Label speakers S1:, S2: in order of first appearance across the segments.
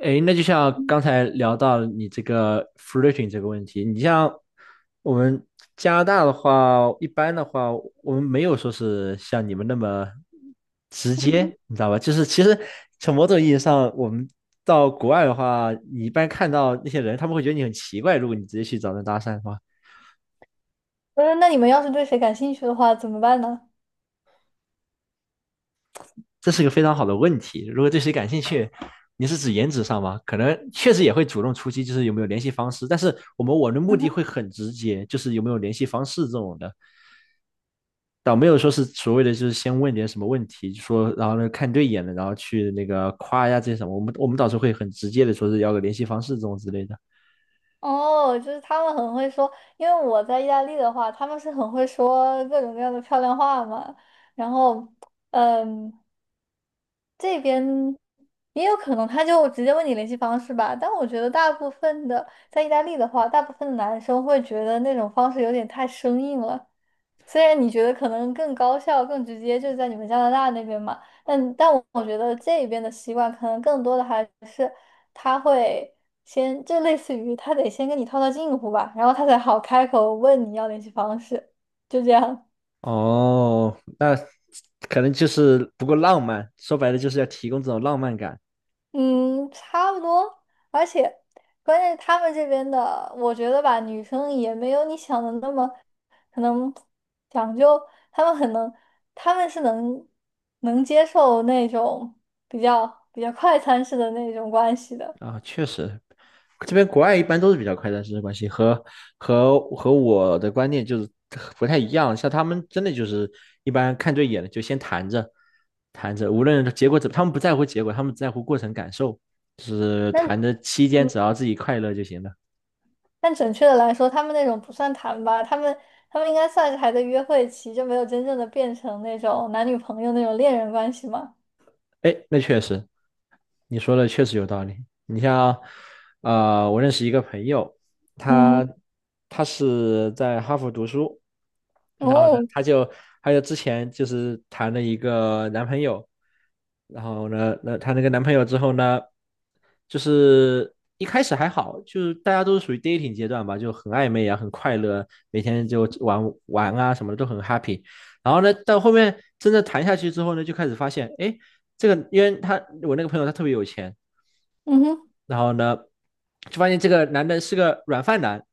S1: 诶，那就像
S2: 嗯
S1: 刚才聊到你这个 flirting 这个问题，你像我们加拿大的话，一般的话，我们没有说是像你们那么直
S2: 哼。
S1: 接，你知道吧？就是其实从某种意义上，我们到国外的话，你一般看到那些人，他们会觉得你很奇怪，如果你直接去找人搭讪的话。
S2: 不是。那你们要是对谁感兴趣的话，怎么办呢？
S1: 这是一个非常好的问题。如果对谁感兴趣，你是指颜值上吗？可能确实也会主动出击，就是有没有联系方式。但是我的目
S2: 嗯
S1: 的会
S2: 哼。
S1: 很直接，就是有没有联系方式这种的，倒没有说是所谓的就是先问点什么问题，说然后呢看对眼了，然后去那个夸呀这些什么。我们倒是会很直接的说是要个联系方式这种之类的。
S2: 哦，就是他们很会说，因为我在意大利的话，他们是很会说各种各样的漂亮话嘛。然后，嗯，这边也有可能，他就直接问你联系方式吧。但我觉得大部分的在意大利的话，大部分的男生会觉得那种方式有点太生硬了。虽然你觉得可能更高效、更直接，就是在你们加拿大那边嘛，但我觉得这边的习惯可能更多的还是他会先，就类似于他得先跟你套套近乎吧，然后他才好开口问你要联系方式，就这样。
S1: 哦，那可能就是不够浪漫，说白了就是要提供这种浪漫感。
S2: 嗯，差不多。而且，关键是他们这边的，我觉得吧，女生也没有你想的那么可能讲究。他们很能，他们是能接受那种比较比较快餐式的那种关系的。
S1: 啊，确实，这边国外一般都是比较快的师生关系，和我的观念就是不太一样。像他们真的就是一般看对眼了就先谈着，谈着，无论结果怎么，他们不在乎结果，他们只在乎过程感受，就是
S2: 那。
S1: 谈的期间
S2: 嗯，
S1: 只要自己快乐就行了。
S2: 但准确的来说，他们那种不算谈吧，他们应该算是还在约会期，就没有真正的变成那种男女朋友那种恋人关系嘛。
S1: 哎，那确实，你说的确实有道理。你像，我认识一个朋友，
S2: 嗯。
S1: 他他是在哈佛读书，然后呢，
S2: 哦。
S1: 他就之前就是谈了一个男朋友，然后呢，那她那个男朋友之后呢，就是一开始还好，就是大家都是属于 dating 阶段吧，就很暧昧啊，很快乐，每天就玩啊什么的都很 happy。然后呢，到后面真的谈下去之后呢，就开始发现，哎，这个，因为他我那个朋友他特别有钱，
S2: 嗯哼。
S1: 然后呢，就发现这个男的是个软饭男，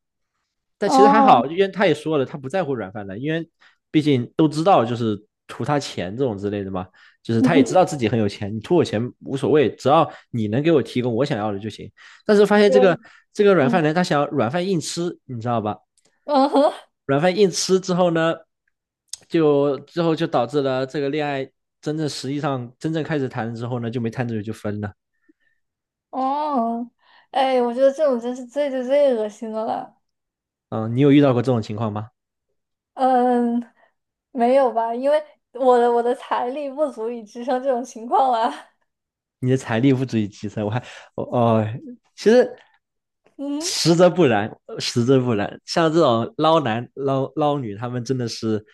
S1: 但其实还
S2: 哦。
S1: 好，因为他也说了，他不在乎软饭男，因为毕竟都知道就是图他钱这种之类的嘛，就 是
S2: 嗯
S1: 他也知
S2: 哼。
S1: 道自己很有钱，你图我钱无所谓，只要你能给我提供我想要的就行。但是发现
S2: 对。
S1: 这个软
S2: 嗯。
S1: 饭男他想要软饭硬吃，你知道吧？
S2: 嗯哼。
S1: 软饭硬吃之后呢，就之后就导致了这个恋爱真正实际上真正开始谈了之后呢，就没谈多久就分了。
S2: 哦。哎，我觉得这种真是最最最恶心的了。
S1: 嗯，你有遇到过这种情况吗？
S2: 嗯，没有吧？因为我的财力不足以支撑这种情况啊。
S1: 你的财力不足以支撑，我还我哦，其实
S2: 嗯，
S1: 实则不然，实则不然，像这种捞男捞女，他们真的是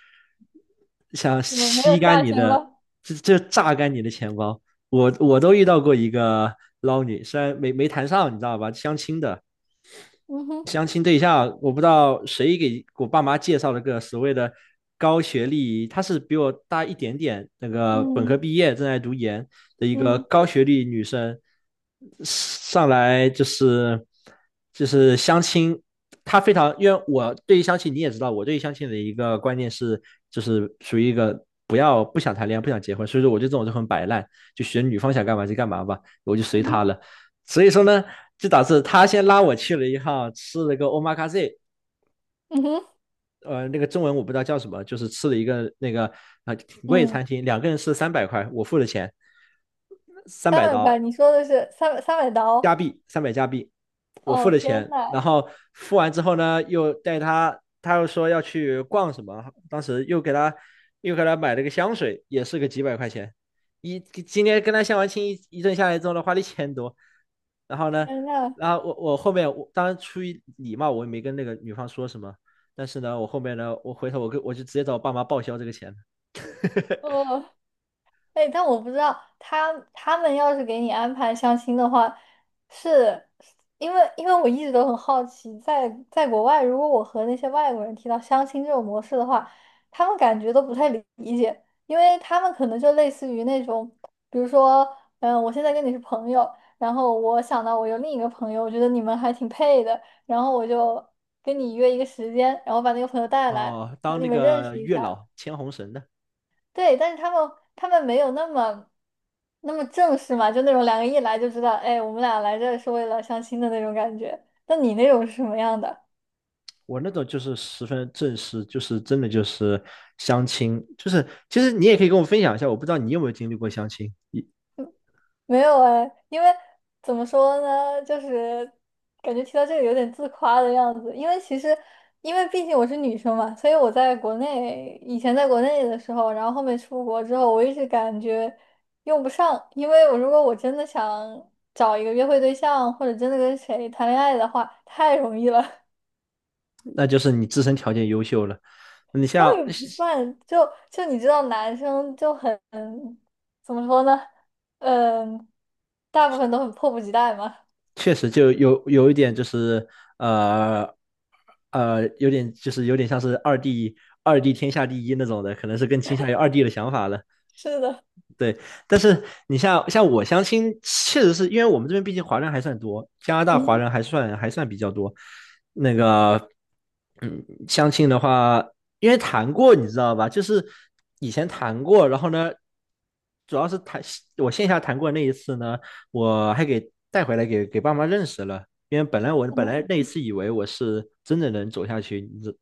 S1: 想
S2: 我没有
S1: 吸干
S2: 下
S1: 你
S2: 限
S1: 的，
S2: 了。
S1: 就榨干你的钱包。我都遇到过一个捞女，虽然没谈上，你知道吧，相亲的。
S2: 嗯哼。
S1: 相亲对象，我不知道谁给我爸妈介绍了个所谓的高学历，她是比我大一点点，那个本科
S2: 嗯。
S1: 毕业正在读研的一个
S2: 嗯。
S1: 高学历女生，上来就是相亲，她非常，因为我对于相亲你也知道，我对于相亲的一个观念是，就是属于一个不想谈恋爱不想结婚，所以说我对这种就很摆烂，就选女方想干嘛就干嘛吧，我就随
S2: 嗯
S1: 她
S2: 哼。
S1: 了。所以说呢，就导致他先拉我去了一趟吃了个 omakase，
S2: 嗯哼。
S1: 那个中文我不知道叫什么，就是吃了一个挺贵的
S2: 嗯，
S1: 餐厅，两个人吃三百块，我付的钱，三
S2: 三
S1: 百
S2: 百块，
S1: 刀。
S2: 你说的是三百
S1: 加
S2: 刀？
S1: 币三百加币，我付
S2: 哦，
S1: 了
S2: 天
S1: 钱，然
S2: 呐。
S1: 后付完之后呢，又带他，他又说要去逛什么，当时又给他买了个香水，也是个几百块钱，今天跟他相完亲一阵下来之后呢，花了一千多，然后呢，
S2: 天呐。
S1: 然后我后面我当然出于礼貌，我也没跟那个女方说什么，但是呢，我后面呢，我回头我就直接找我爸妈报销这个钱，
S2: 哦。哎，但我不知道他们要是给你安排相亲的话，是因为我一直都很好奇，在国外，如果我和那些外国人提到相亲这种模式的话，他们感觉都不太理解，因为他们可能就类似于那种，比如说，我现在跟你是朋友，然后我想到我有另一个朋友，我觉得你们还挺配的，然后我就跟你约一个时间，然后把那个朋友带来，
S1: 哦、
S2: 然后
S1: 当
S2: 你
S1: 那
S2: 们认
S1: 个
S2: 识一
S1: 月
S2: 下。
S1: 老牵红绳的。
S2: 对，但是他们没有那么。那么正式嘛，就那种两个一来就知道，哎，我们俩来这是为了相亲的那种感觉。那你那种是什么样的？
S1: 我那种就是十分正式，就是真的就是相亲，就是其实你也可以跟我分享一下，我不知道你有没有经历过相亲，
S2: 没有哎，因为怎么说呢，就是感觉提到这个有点自夸的样子。因为其实，因为毕竟我是女生嘛，所以我在国内以前在国内的时候，然后后面出国之后，我一直感觉用不上。因为我如果我真的想找一个约会对象，或者真的跟谁谈恋爱的话，太容易了。
S1: 那就是你自身条件优秀了，你
S2: 倒
S1: 像
S2: 也不算，就你知道，男生就很怎么说呢？嗯，大部分都很迫不及待嘛。
S1: 确实就有一点就是呃有点有点像是二弟，二弟天下第一那种的，可能是更倾向于二弟的想法了。
S2: 是的。
S1: 对，但是你像我相亲，确实是因为我们这边毕竟华人还算多，加拿大华
S2: 嗯。
S1: 人还算比较多，那个，嗯，相亲的话，因为谈过，你知道吧？就是以前谈过，然后呢，主要是谈我线下谈过那一次呢，我还给带回来给爸妈认识了。因为我本来那一
S2: 嗯。
S1: 次以为我是真的能走下去，你知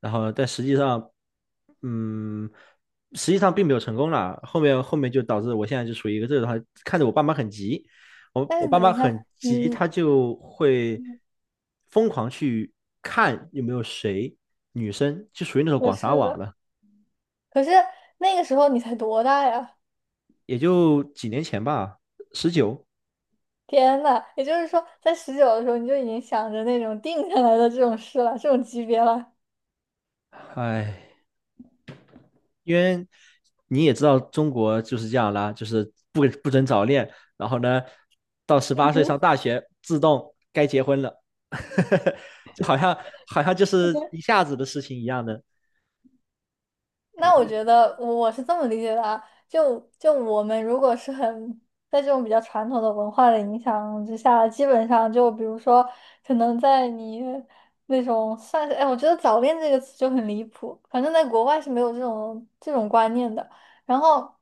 S1: 然后但实际上，嗯，实际上并没有成功啦。后面就导致我现在就处于一个这种，看着我爸妈很急，我
S2: 但
S1: 我
S2: 是
S1: 爸
S2: 等
S1: 妈
S2: 一下，
S1: 很急，他
S2: 嗯，
S1: 就会疯狂去看有没有谁女生，就属于那种
S2: 我
S1: 广撒
S2: 是
S1: 网
S2: 的。
S1: 了。
S2: 可是那个时候你才多大呀？
S1: 也就几年前吧，十九，
S2: 天呐，也就是说，在19的时候你就已经想着那种定下来的这种事了，这种级别了。
S1: 哎，因为你也知道中国就是这样啦，就是不准早恋，然后呢，到十八岁上大学自动该结婚了，就好像好像就是一
S2: 嗯
S1: 下子的事情一样的
S2: 那我觉得我是这么理解的啊，就我们如果是很在这种比较传统的文化的影响之下，基本上就比如说，可能在你那种算是，哎，我觉得早恋这个词就很离谱，反正在国外是没有这种观念的。然后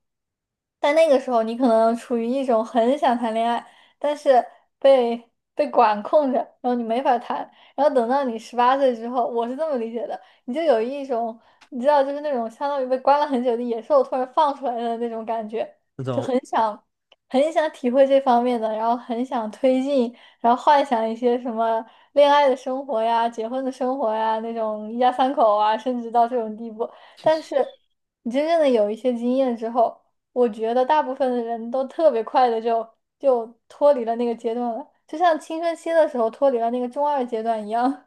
S2: 在那个时候，你可能处于一种很想谈恋爱，但是被被管控着，然后你没法谈。然后等到你18岁之后，我是这么理解的。你就有一种你知道，就是那种相当于被关了很久的野兽突然放出来的那种感觉，
S1: 那
S2: 就
S1: 种，
S2: 很想很想体会这方面的，然后很想推进，然后幻想一些什么恋爱的生活呀、结婚的生活呀那种一家三口啊，甚至到这种地步。
S1: 其实
S2: 但是你真正的有一些经验之后，我觉得大部分的人都特别快的就脱离了那个阶段了，就像青春期的时候脱离了那个中二阶段一样。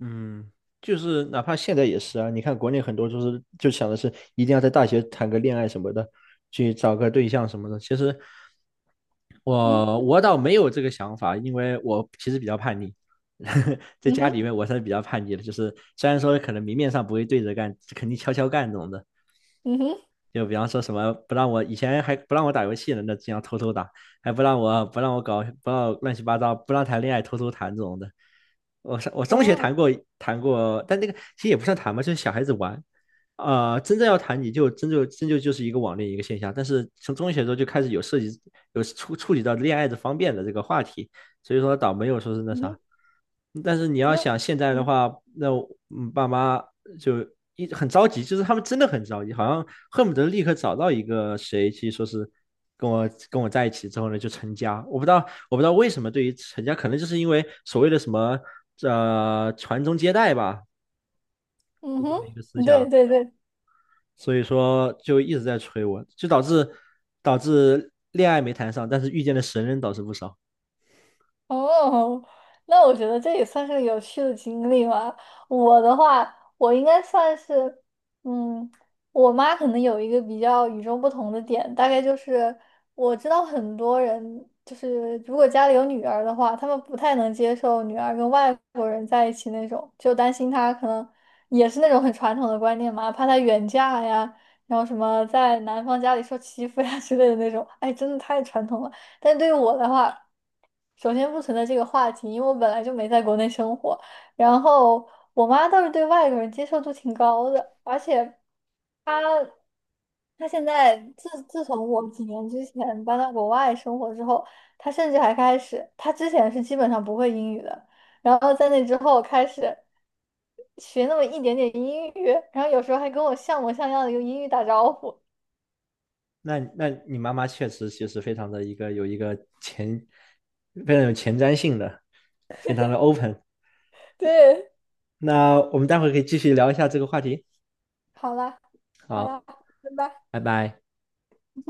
S1: 嗯，就是哪怕现在也是啊，你看国内很多就是就想的是一定要在大学谈个恋爱什么的，去找个对象什么的。其实
S2: 嗯。
S1: 我倒没有这个想法，因为我其实比较叛逆，在
S2: 嗯
S1: 家
S2: 哼。
S1: 里面我算是比较叛逆的，就是虽然说可能明面上不会对着干，肯定悄悄干这种的。
S2: 嗯哼。
S1: 就比方说什么不让我以前还不让我打游戏呢，那经常偷偷打，还不让我不让我搞不让我乱七八糟，不让谈恋爱偷偷谈这种的。我中学
S2: 嗯。
S1: 谈过，但那个其实也不算谈吧，就是小孩子玩。啊、真正要谈你就真就真就就是一个网恋一个现象，但是从中学的时候就开始有涉及有触及到恋爱的方便的这个话题，所以说倒没有说是那
S2: 嗯
S1: 啥。
S2: 哼，
S1: 但是你
S2: 你
S1: 要
S2: 说。
S1: 想现在的
S2: 嗯。
S1: 话，那爸妈就很着急，就是他们真的很着急，好像恨不得立刻找到一个谁去说是跟我在一起之后呢就成家。我不知道为什么对于成家，可能就是因为所谓的什么传宗接代吧，
S2: 嗯
S1: 就这么一个思
S2: 哼，对
S1: 想，
S2: 对对。
S1: 所以说就一直在催我，就导致恋爱没谈上，但是遇见的神人倒是不少。
S2: 哦，那我觉得这也算是个有趣的经历吧。我的话，我应该算是，嗯，我妈可能有一个比较与众不同的点，大概就是我知道很多人，就是如果家里有女儿的话，他们不太能接受女儿跟外国人在一起那种，就担心她可能也是那种很传统的观念嘛，怕她远嫁呀，然后什么在男方家里受欺负呀之类的那种。哎，真的太传统了。但对于我的话，首先不存在这个话题，因为我本来就没在国内生活。然后我妈倒是对外国人接受度挺高的，而且她她现在自从我几年之前搬到国外生活之后，她甚至还开始，她之前是基本上不会英语的，然后在那之后开始学那么一点点英语，然后有时候还跟我像模像样的用英语打招呼。
S1: 那你妈妈确实其实非常的一个有一个前非常有前瞻性的，非常的 open。
S2: 对，
S1: 那我们待会可以继续聊一下这个话题。
S2: 好啦，好呀，
S1: 好，
S2: 拜拜。
S1: 拜拜。